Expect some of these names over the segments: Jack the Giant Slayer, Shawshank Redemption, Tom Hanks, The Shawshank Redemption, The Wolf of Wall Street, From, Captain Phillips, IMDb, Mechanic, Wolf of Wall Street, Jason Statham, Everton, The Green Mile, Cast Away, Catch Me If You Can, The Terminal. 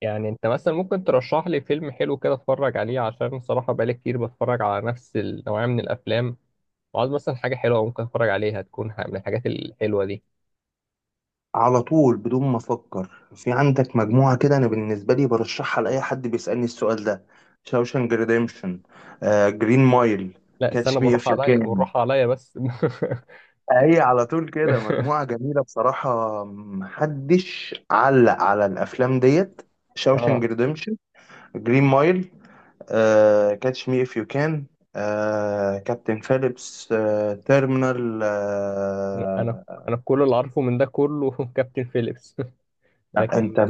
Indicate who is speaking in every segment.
Speaker 1: يعني انت مثلا ممكن ترشح لي فيلم حلو كده اتفرج عليه، عشان الصراحة بقالي كتير بتفرج على نفس النوعية من الافلام، وعاوز مثلا حاجة حلوة ممكن اتفرج عليها، تكون من الحاجات الحلوة دي.
Speaker 2: على طول بدون ما افكر. في عندك مجموعه كده، انا بالنسبه لي برشحها لاي حد بيسالني السؤال ده. شاوشانج ريديمشن، جرين مايل،
Speaker 1: لا استنى،
Speaker 2: كاتش مي
Speaker 1: بالراحة
Speaker 2: اف يو
Speaker 1: عليا
Speaker 2: كان.
Speaker 1: بالراحة عليا بس.
Speaker 2: هي على طول كده مجموعه جميله بصراحه، محدش علق على الافلام ديت. شاوشانج
Speaker 1: اه،
Speaker 2: ريديمشن، جرين مايل، كاتش مي اف يو كان، كابتن فيليبس، تيرمينال
Speaker 1: انا انا انا كل اللي عارفه من ده كله كابتن فيليبس. لكن.
Speaker 2: انت.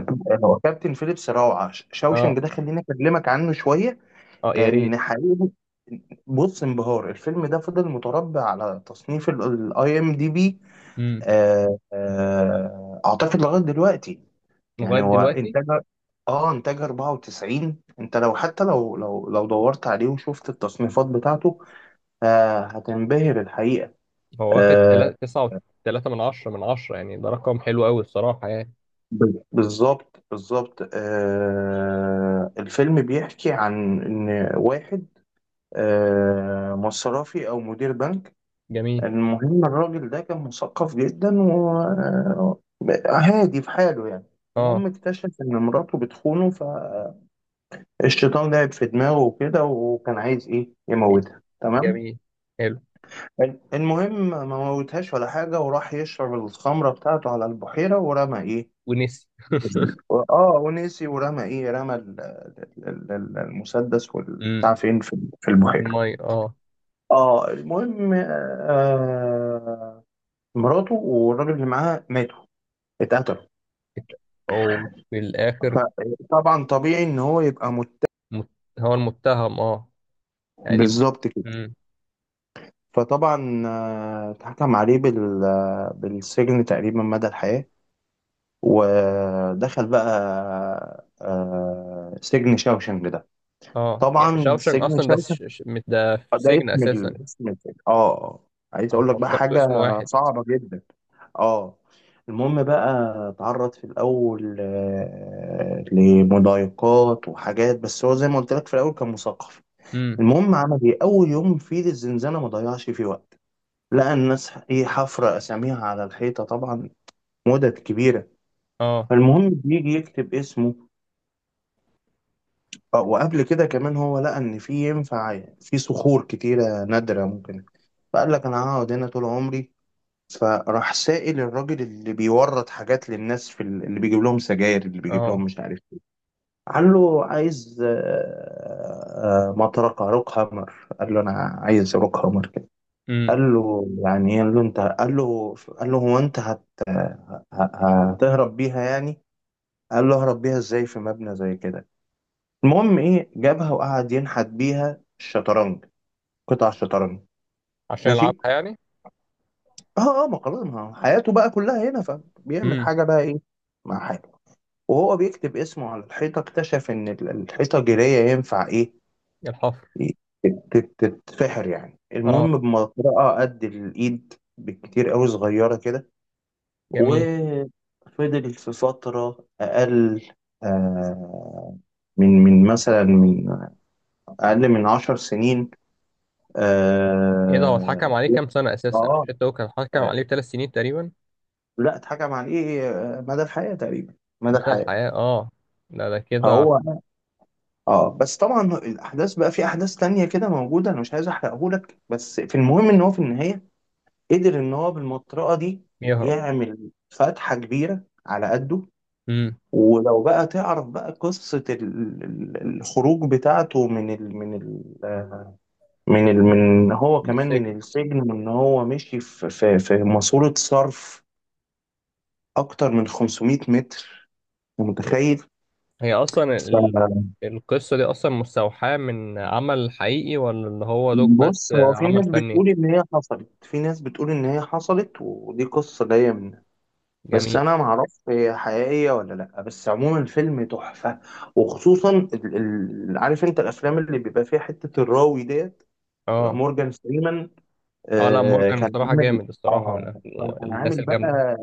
Speaker 2: هو كابتن فيليبس روعه.
Speaker 1: اه،
Speaker 2: شاوشنج ده خليني اكلمك عنه شويه،
Speaker 1: اه يا ريت.
Speaker 2: لان حقيقي. بص، انبهار الفيلم ده فضل متربع على تصنيف الاي ام دي بي،
Speaker 1: امم.
Speaker 2: اعتقد لغايه دلوقتي. يعني
Speaker 1: لغاية
Speaker 2: هو
Speaker 1: دلوقتي.
Speaker 2: انتاج، اه، انتاج 94. انت لو حتى، لو لو دورت عليه وشفت التصنيفات بتاعته هتنبهر الحقيقه.
Speaker 1: هو واخد
Speaker 2: آه
Speaker 1: 9.3 من 10 . يعني ده رقم حلو قوي الصراحة يعني.
Speaker 2: بالظبط، بالظبط، الفيلم بيحكي عن ان واحد مصرفي او مدير بنك.
Speaker 1: جميل.
Speaker 2: المهم الراجل ده كان مثقف جدا وهادي في حاله يعني. المهم
Speaker 1: اه.
Speaker 2: اكتشف ان مراته بتخونه، فالشيطان لعب في دماغه وكده، وكان عايز ايه، يموتها تمام.
Speaker 1: جميل. حلو.
Speaker 2: المهم ما موتهاش ولا حاجه، وراح يشرب الخمره بتاعته على البحيره، ورمى ايه.
Speaker 1: ونسي.
Speaker 2: اه، ونسي، ورمى ايه، رمى المسدس والبتاع
Speaker 1: امم.
Speaker 2: فين، في البحيره.
Speaker 1: المية، اه.
Speaker 2: اه المهم مراته والراجل اللي معاها ماتوا، اتقتلوا.
Speaker 1: وفي الآخر
Speaker 2: فطبعا طبيعي ان هو يبقى مت...
Speaker 1: مت... هو المتهم، اه يعني دي.
Speaker 2: بالظبط كده.
Speaker 1: امم.
Speaker 2: فطبعا اتحكم عليه بال... بالسجن تقريبا مدى الحياة، ودخل بقى سجن شاوشنج ده.
Speaker 1: اه يعني
Speaker 2: طبعا
Speaker 1: شاوشنج
Speaker 2: سجن
Speaker 1: أصلا ده
Speaker 2: شاوشنج
Speaker 1: ده في
Speaker 2: ده
Speaker 1: سجن
Speaker 2: اسم ال...
Speaker 1: أساسا.
Speaker 2: اسم السجن اه آه. عايز
Speaker 1: أنا
Speaker 2: اقول لك بقى
Speaker 1: فكرته
Speaker 2: حاجة
Speaker 1: اسم واحد.
Speaker 2: صعبة جدا. اه المهم بقى اتعرض في الاول لمضايقات وحاجات، بس هو زي ما قلت لك في الاول كان مثقف.
Speaker 1: امم.
Speaker 2: المهم عمل ايه اول يوم في الزنزانه، ما ضيعش فيه وقت. لقى الناس ايه، حفره اساميها على الحيطه طبعا، مدد كبيره.
Speaker 1: اه.
Speaker 2: فالمهم بيجي يكتب اسمه، وقبل كده كمان هو لقى ان في ينفع في صخور كتيره نادره ممكن. فقال لك انا هقعد هنا طول عمري. فراح سائل الراجل اللي بيورد حاجات للناس في اللي بيجيب لهم سجاير، اللي بيجيب
Speaker 1: اه.
Speaker 2: لهم مش عارف ايه. قال له عايز مطرقة روك هامر. قال له انا عايز روك هامر كده.
Speaker 1: امم.
Speaker 2: قال له يعني ايه، قال له انت، قال له هو انت ه- هتهرب بيها يعني. قال له اهرب بيها ازاي في مبنى زي كده. المهم ايه، جابها وقعد ينحت بيها الشطرنج، قطع الشطرنج.
Speaker 1: عشان يلعبها
Speaker 2: ماشي.
Speaker 1: يعني.
Speaker 2: اه اه، ما خلاص ما هو حياته بقى كلها هنا، فبيعمل
Speaker 1: امم.
Speaker 2: حاجة بقى ايه مع. وهو بيكتب اسمه على الحيطة اكتشف إن الحيطة جيرية ينفع إيه،
Speaker 1: الحفر.
Speaker 2: تتفحر يعني.
Speaker 1: اه.
Speaker 2: المهم بمطرقة قد الإيد بالكتير قوي، صغيرة كده،
Speaker 1: جميل.
Speaker 2: وفضل في فترة أقل آه، من مثلا من أقل من 10 سنين.
Speaker 1: ايه ده، هو اتحكم
Speaker 2: آه
Speaker 1: عليه كام سنة أساسا؟
Speaker 2: آه
Speaker 1: مش انت هو كان اتحكم
Speaker 2: آه،
Speaker 1: عليه بـ3 سنين تقريبا؟
Speaker 2: لا اتحكم عليه مدى الحياة تقريبا، مدى
Speaker 1: مدى
Speaker 2: الحياة.
Speaker 1: الحياة، اه. ده كده
Speaker 2: فهو
Speaker 1: عشان
Speaker 2: اه، بس طبعا الاحداث بقى، في احداث تانية كده موجوده انا مش عايز احرقهولك، بس في المهم ان هو في النهايه قدر ان هو بالمطرقه دي
Speaker 1: يهرب.
Speaker 2: يعمل فتحه كبيره على قده.
Speaker 1: امم.
Speaker 2: ولو بقى تعرف بقى قصه الخروج بتاعته من ال من هو
Speaker 1: من
Speaker 2: كمان
Speaker 1: السجن.
Speaker 2: من السجن، وان هو مشي في في ماسوره صرف اكتر من 500 متر. أنت متخيل؟
Speaker 1: هي اصلا القصة دي اصلا مستوحاة من عمل حقيقي ولا اللي هو دوك، بس
Speaker 2: بص، هو في
Speaker 1: عمل
Speaker 2: ناس
Speaker 1: فني؟
Speaker 2: بتقول ان هي حصلت، ودي قصه جايه منها، بس
Speaker 1: جميل.
Speaker 2: انا معرفش هي حقيقيه ولا لا. بس عموما الفيلم تحفه. وخصوصا ال... ال... عارف انت الافلام اللي بيبقى فيها حته الراوي ديت،
Speaker 1: اه.
Speaker 2: مورجان فريمان.
Speaker 1: اه لا،
Speaker 2: آه
Speaker 1: مورجان
Speaker 2: كان
Speaker 1: الصراحة
Speaker 2: عامل،
Speaker 1: جامد الصراحة، من
Speaker 2: اه كان
Speaker 1: الناس
Speaker 2: عامل
Speaker 1: الجامدة.
Speaker 2: بقى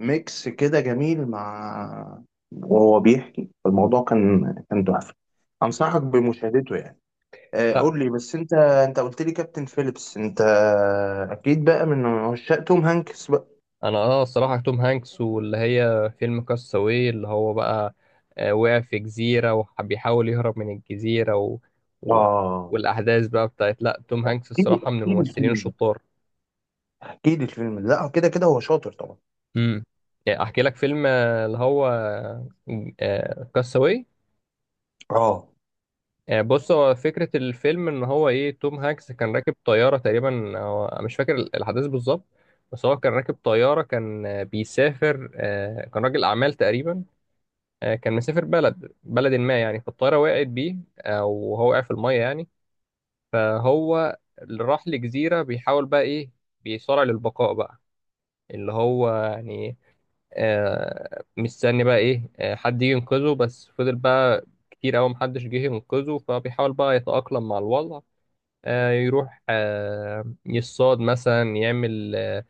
Speaker 2: ميكس كده جميل مع، وهو بيحكي الموضوع كان، تحفه.
Speaker 1: مم.
Speaker 2: انصحك بمشاهدته يعني.
Speaker 1: لا
Speaker 2: قول لي بس انت، قلت لي كابتن فيليبس، انت اكيد بقى من عشاق توم هانكس بقى.
Speaker 1: انا اه الصراحة توم هانكس، واللي هي فيلم كاستاوي اللي هو بقى وقع في جزيرة، وبيحاول يهرب من الجزيرة و...
Speaker 2: اه.
Speaker 1: والاحداث بقى بتاعت، لا توم هانكس
Speaker 2: احكي لي
Speaker 1: الصراحة من
Speaker 2: احكي لي
Speaker 1: الممثلين
Speaker 2: الفيلم ده،
Speaker 1: الشطار.
Speaker 2: احكي لي الفيلم ده، لا كده كده هو شاطر طبعا.
Speaker 1: امم. احكي لك فيلم اللي هو كاستاوي.
Speaker 2: اه
Speaker 1: يعني بص، هو فكرة الفيلم إن هو إيه، توم هانكس كان راكب طيارة تقريبا، هو مش فاكر الأحداث بالظبط، بس هو كان راكب طيارة، كان بيسافر، كان راجل أعمال تقريبا، كان مسافر بلد بلد ما يعني، فالطيارة وقعت بيه، وهو وقع في المية يعني. فهو اللي راح لجزيرة بيحاول بقى إيه، بيصارع للبقاء بقى، اللي هو يعني مستني بقى إيه حد يجي ينقذه، بس فضل بقى كتير أوي محدش جه ينقذه، فبيحاول بقى يتأقلم مع الوضع. يروح يصطاد مثلا، يعمل آه،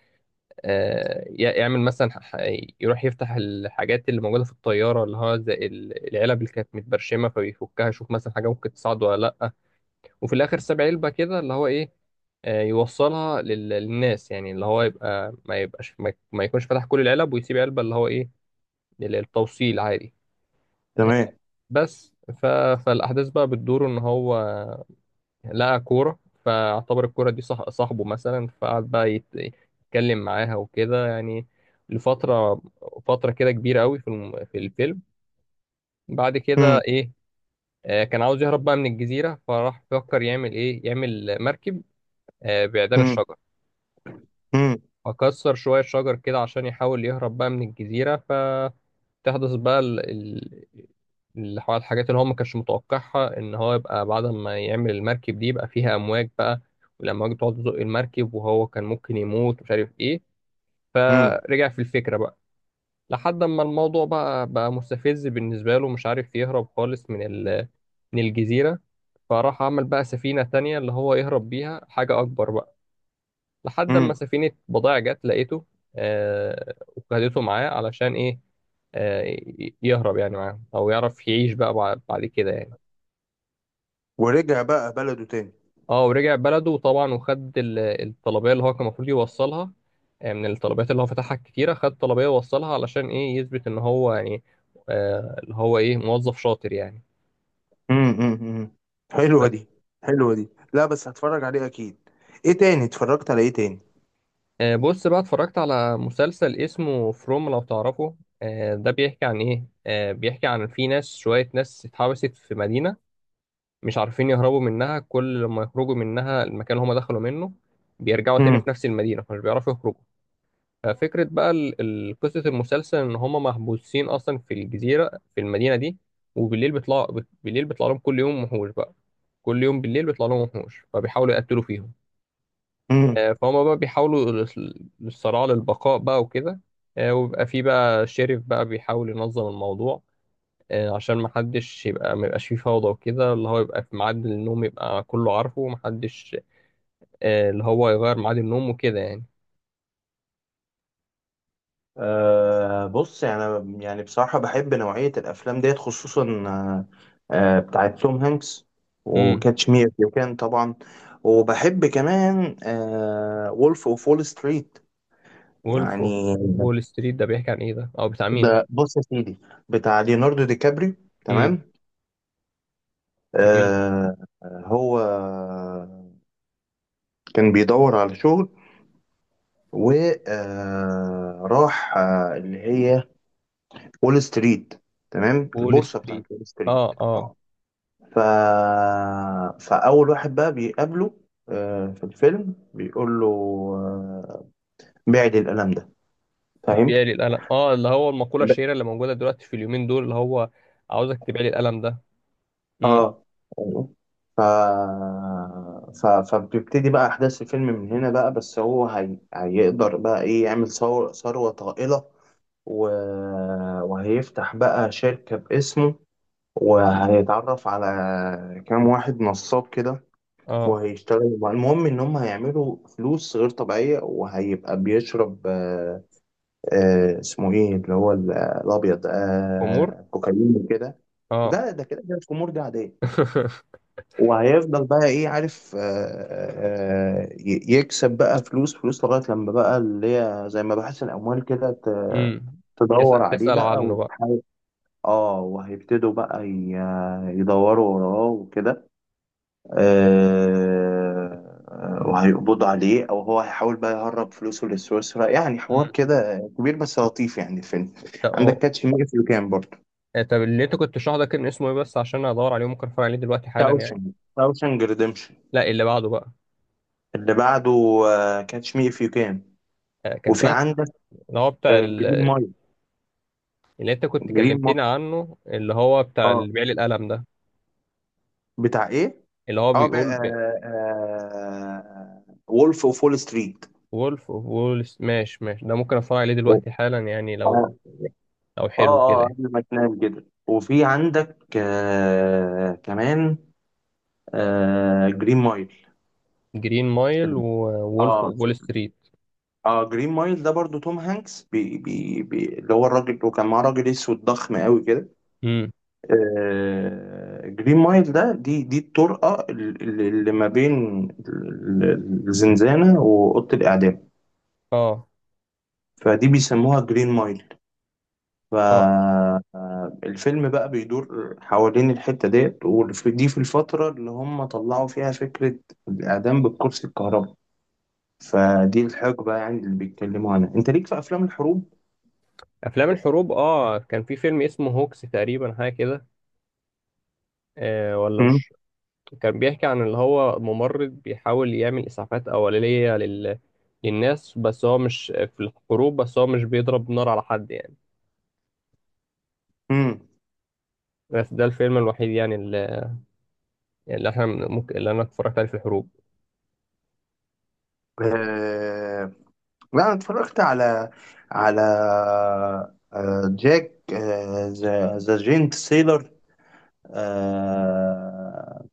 Speaker 1: آه، ي- يعمل مثلا يروح يفتح الحاجات اللي موجودة في الطيارة، اللي هو زي العلب اللي كانت متبرشمة، فبيفكها يشوف مثلا حاجة ممكن تصعد ولا لأ. وفي الآخر ساب علبة كده اللي هو إيه، يوصلها للناس يعني، اللي هو يبقى ما يبقاش ما يكونش فتح كل العلب، ويسيب علبة اللي هو إيه، للتوصيل عادي. آه،
Speaker 2: تمام.
Speaker 1: بس فالأحداث بقى بتدور إن هو لقى كورة، فاعتبر الكورة دي صح صاحبه مثلا، فقعد بقى يتكلم معاها وكده يعني، لفترة، فترة كده كبيرة قوي في في الفيلم. بعد كده
Speaker 2: امم،
Speaker 1: إيه، كان عاوز يهرب بقى من الجزيرة، فراح فكر يعمل إيه، يعمل مركب بعيدان
Speaker 2: امم،
Speaker 1: الشجر،
Speaker 2: امم،
Speaker 1: اكسر شوية شجر كده عشان يحاول يهرب بقى من الجزيرة. فتحدث بقى اللي هو الحاجات اللي هو ما كانش متوقعها، ان هو يبقى بعد ما يعمل المركب دي يبقى فيها امواج بقى، والامواج بتقعد تزق المركب وهو كان ممكن يموت ومش عارف ايه،
Speaker 2: امم،
Speaker 1: فرجع في الفكرة بقى. لحد ما الموضوع بقى مستفز بالنسبة له، مش عارف يهرب خالص من من الجزيرة. فراح عمل بقى سفينة تانية اللي هو يهرب بيها، حاجة أكبر بقى، لحد ما
Speaker 2: امم.
Speaker 1: سفينة بضائع جت لقيته. آه وخدته معاه علشان إيه، آه يهرب يعني معاهم، أو يعرف يعيش بقى بعد كده يعني.
Speaker 2: ورجع بقى بلده تاني.
Speaker 1: اه ورجع بلده طبعا وخد الطلبية اللي هو كان المفروض يوصلها، من الطلبيات اللي هو فتحها كتيرة، خد طلبية ووصلها علشان إيه، يثبت إن هو يعني آه اللي هو إيه موظف شاطر يعني.
Speaker 2: امم، امم. حلوه
Speaker 1: بس
Speaker 2: دي. حلوه دي، لا بس هتفرج عليه اكيد. ايه تاني، اتفرجت على ايه تاني؟
Speaker 1: بص بقى، اتفرجت على مسلسل اسمه فروم، لو تعرفه. ده بيحكي عن ايه، بيحكي عن في ناس، شوية ناس اتحبست في مدينة، مش عارفين يهربوا منها، كل لما يخرجوا منها المكان اللي هم دخلوا منه بيرجعوا تاني في نفس المدينة، فمش بيعرفوا يخرجوا. ففكرة بقى قصة المسلسل إن هم محبوسين أصلا في الجزيرة، في المدينة دي. وبالليل بيطلع، بالليل بيطلع لهم كل يوم وحوش بقى، كل يوم بالليل بيطلع لهم وحوش، فبيحاولوا يقتلوا فيهم.
Speaker 2: امم.
Speaker 1: فهم بقى بيحاولوا للصراع للبقاء بقى وكده. وبيبقى في بقى شريف بقى بيحاول ينظم الموضوع، عشان محدش يبقى ما يبقاش فيه فوضى وكده، اللي هو يبقى في ميعاد النوم يبقى كله عارفه ومحدش اللي هو يغير ميعاد النوم وكده يعني.
Speaker 2: أه بص، يعني يعني بصراحة بحب نوعية الأفلام ديت خصوصا آه، بتاعت توم هانكس،
Speaker 1: امم.
Speaker 2: وكاتش مي إف يو كان طبعا، وبحب كمان وولف أوف وول ستريت
Speaker 1: وولف أوف
Speaker 2: يعني.
Speaker 1: وول ستريت ده بيحكي عن ايه، ده اه بتاع مين؟
Speaker 2: ده بص يا سيدي، بتاع ليوناردو دي كابريو،
Speaker 1: امم.
Speaker 2: تمام.
Speaker 1: جميل.
Speaker 2: أه. هو كان بيدور على شغل وراح اللي هي وول ستريت، تمام،
Speaker 1: وول
Speaker 2: البورصة بتاعت
Speaker 1: ستريت.
Speaker 2: وول ستريت.
Speaker 1: اه. اه.
Speaker 2: ف... فأول واحد بقى بيقابله في الفيلم بيقول له آه، بعد القلم ده، فاهم؟
Speaker 1: بيعلي القلم، اه اللي هو المقولة
Speaker 2: ب-
Speaker 1: الشهيرة اللي موجودة دلوقتي في اليومين دول اللي هو عاوزك تبيعلي القلم ده. امم.
Speaker 2: اه أيوه. ف... فبتبتدي بقى أحداث الفيلم من هنا بقى، بس هو هي... هيقدر بقى إيه، يعمل ثور... ثروة طائلة، و... وهيفتح بقى شركة باسمه، وهيتعرف على كام واحد نصاب كده،
Speaker 1: اه.
Speaker 2: وهيشتغل المهم ان هم هيعملوا فلوس غير طبيعيه، وهيبقى بيشرب آه، اسمه ايه اللي هو الابيض،
Speaker 1: امور.
Speaker 2: آه كوكايين وكده.
Speaker 1: اه.
Speaker 2: ده ده كده كده الخمور دي عاديه. وهيفضل بقى ايه عارف، يكسب بقى فلوس، لغايه لما بقى اللي هي زي ما بحث الاموال كده
Speaker 1: امم.
Speaker 2: تدور
Speaker 1: تسأل
Speaker 2: عليه
Speaker 1: تسأل
Speaker 2: بقى
Speaker 1: عنه بقى.
Speaker 2: وتحاول. اه وهيبتدوا بقى يدوروا وراه وكده، آه، وهيقبضوا عليه، او هو هيحاول بقى يهرب فلوسه لسويسرا، يعني حوار كده كبير بس لطيف يعني الفيلم.
Speaker 1: امم.
Speaker 2: عندك كاتش مي اف يو كان برضه.
Speaker 1: طب اللي انت كنت شرحه ده كان اسمه ايه بس، عشان ادور عليه ممكن اتفرج عليه دلوقتي حالا يعني.
Speaker 2: شاوشنج، شاوشنج ريديمشن.
Speaker 1: لا اللي بعده بقى.
Speaker 2: اللي بعده، كاتش مي اف يو كان.
Speaker 1: كان في
Speaker 2: وفي
Speaker 1: واحد
Speaker 2: عندك
Speaker 1: اللي هو بتاع
Speaker 2: جرين مايل.
Speaker 1: اللي انت كنت
Speaker 2: جرين مايل،
Speaker 1: كلمتني عنه، اللي هو بتاع اللي
Speaker 2: اه.
Speaker 1: بيعلي القلم ده.
Speaker 2: بتاع ايه؟
Speaker 1: اللي هو
Speaker 2: اه
Speaker 1: بيقول
Speaker 2: بقى، آه وولف اوف وول ستريت.
Speaker 1: وولف اوف ماشي ماشي، ده ممكن اتفرج عليه دلوقتي حالا يعني
Speaker 2: اه.
Speaker 1: لو، لو حلو
Speaker 2: اه اه،
Speaker 1: كده.
Speaker 2: قبل ما تنام كده. وفي عندك آه كمان آه جرين مايل.
Speaker 1: جرين مايل، وولف
Speaker 2: اه
Speaker 1: اوف وول ستريت.
Speaker 2: اه، جرين مايل ده برضو توم هانكس، بي بي بي اللي هو الراجل، وكان معاه راجل اسود ضخم قوي كده.
Speaker 1: امم.
Speaker 2: آه جرين مايل ده دي الطرقه اللي، اللي ما بين ال- الزنزانه واوضه الاعدام.
Speaker 1: اه.
Speaker 2: فدي بيسموها جرين مايل.
Speaker 1: اه.
Speaker 2: فالفيلم بقى بيدور حوالين الحته ديت، ودي في الفتره اللي هم طلعوا فيها فكره الاعدام بالكرسي الكهربائي. فدي الحقبة يعني اللي بيتكلموا عنها، انت ليك في افلام الحروب.
Speaker 1: افلام الحروب، اه كان في فيلم اسمه هوكس تقريبا حاجه كده. آه ولا
Speaker 2: مم.
Speaker 1: مش. كان بيحكي عن اللي هو ممرض بيحاول يعمل إسعافات أولية للناس، بس هو مش في الحروب، بس هو مش بيضرب نار على حد يعني.
Speaker 2: مم.
Speaker 1: بس ده الفيلم الوحيد يعني، اللي، اللي احنا ممكن اللي انا اتفرجت عليه في الحروب.
Speaker 2: آه... لا انا اتفرجت على، على آه... جاك آه... ذا جينت سيلر. آه...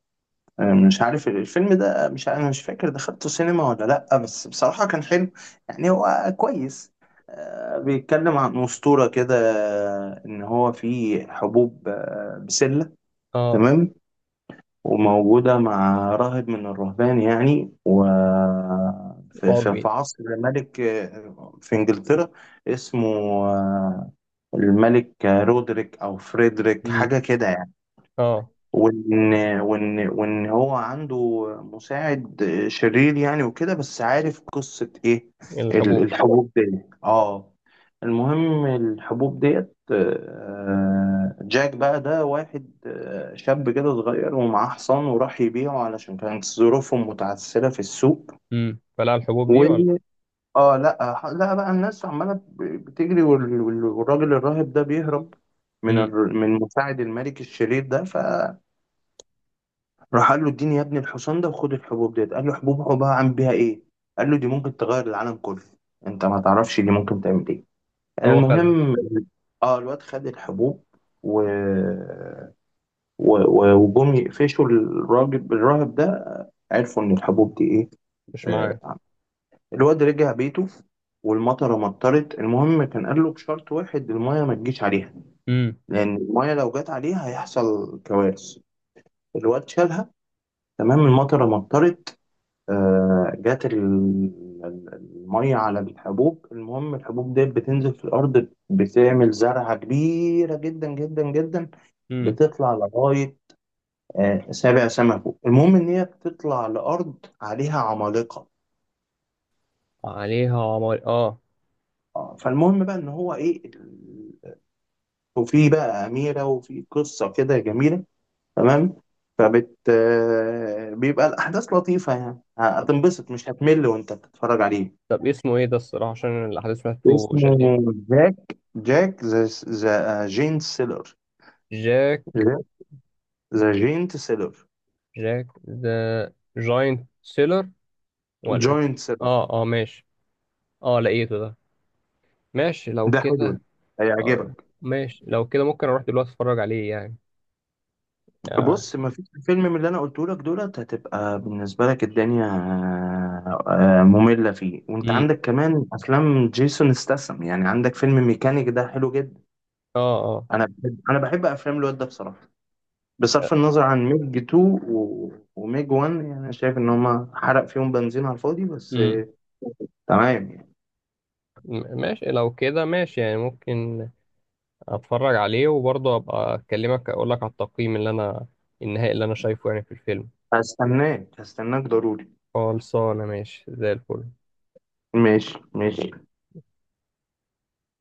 Speaker 2: مش عارف الفيلم ده، مش انا مش فاكر دخلته سينما ولا لا، بس بصراحة كان حلو يعني، هو كويس. آه... بيتكلم عن أسطورة كده، ان هو في حبوب بسلة
Speaker 1: اه.
Speaker 2: تمام، وموجودة مع راهب من الرهبان يعني، و
Speaker 1: اه.
Speaker 2: في عصر ملك في إنجلترا اسمه آه، الملك رودريك أو فريدريك
Speaker 1: مم.
Speaker 2: حاجة كده يعني.
Speaker 1: اه.
Speaker 2: وان وان هو عنده مساعد شرير يعني وكده، بس عارف قصة ايه،
Speaker 1: الحبوب.
Speaker 2: الحبوب دي، اه. المهم الحبوب ديت جاك بقى ده واحد شاب كده صغير، ومعاه حصان، وراح يبيعه علشان كانت ظروفهم متعثرة في السوق.
Speaker 1: مم. فلا الحبوب
Speaker 2: و
Speaker 1: دي ولا.
Speaker 2: اه لا، لا بقى الناس عمالة بتجري، والراجل الراهب ده بيهرب من
Speaker 1: مم.
Speaker 2: من مساعد الملك الشرير ده ف راح قال له اديني يا ابني الحصان ده، وخد الحبوب ديت. قال له حبوب، حبها عامل بيها ايه. قال له دي ممكن تغير العالم كله، انت ما تعرفش دي ممكن تعمل ايه.
Speaker 1: هو خدها.
Speaker 2: المهم اه الواد خد الحبوب، و... وجم يقفشوا الراجل الراهب ده، عرفوا ان الحبوب دي ايه.
Speaker 1: مش معاه.
Speaker 2: آه. الواد رجع بيته، والمطره مطرت. المهم كان قال له بشرط واحد، المايه ما تجيش عليها،
Speaker 1: مم.
Speaker 2: لان المايه لو جت عليها هيحصل كوارث. الواد شالها تمام، المطره مطرت جات المية على الحبوب. المهم الحبوب ديت بتنزل في الأرض، بتعمل زرعة كبيرة جدا جدا جدا،
Speaker 1: مم.
Speaker 2: بتطلع لغاية سابع سما فوق. المهم إن هي بتطلع لأرض عليها عمالقة.
Speaker 1: عليها عمار، اه.
Speaker 2: فالمهم بقى إن هو إيه، وفي بقى أميرة، وفي قصة كده جميلة تمام. فبت بيبقى الأحداث لطيفة يعني،
Speaker 1: طب
Speaker 2: هتنبسط مش هتمل وأنت بتتفرج عليه.
Speaker 1: طب اسمه ايه ده الصراحة عشان الأحداث بتاعته
Speaker 2: اسمه
Speaker 1: شدتني؟
Speaker 2: جاك، جاك ذا جينت سيلر.
Speaker 1: جاك.
Speaker 2: جاك ذا جينت سيلر،
Speaker 1: جاك ذا جاينت سيلر، ولا إيه؟
Speaker 2: جوينت سيلر.
Speaker 1: اه اه ماشي. اه لقيته ده. ماشي لو
Speaker 2: ده حلو ده،
Speaker 1: كده. آه.
Speaker 2: هيعجبك.
Speaker 1: ماشي لو كده، ممكن اروح دلوقتي اتفرج عليه يعني. آه.
Speaker 2: بص، ما فيش فيلم من اللي انا قلته لك دولت هتبقى بالنسبه لك الدنيا ممله فيه. وانت
Speaker 1: امم.
Speaker 2: عندك كمان افلام جيسون استسم يعني، عندك فيلم ميكانيك ده حلو جدا.
Speaker 1: اه. اه.
Speaker 2: انا بحب، افلام الواد ده بصراحه، بصرف النظر عن ميج 2 وميج 1، يعني انا شايف ان هما حرق فيهم بنزين على الفاضي، بس
Speaker 1: امم.
Speaker 2: تمام.
Speaker 1: ماشي لو كده، ماشي يعني. ممكن اتفرج عليه وبرضه ابقى اكلمك، اقول لك على التقييم اللي انا، النهائي اللي انا شايفه يعني في الفيلم.
Speaker 2: هستناك ضروري.
Speaker 1: خلصانه ماشي زي الفل
Speaker 2: ماشي.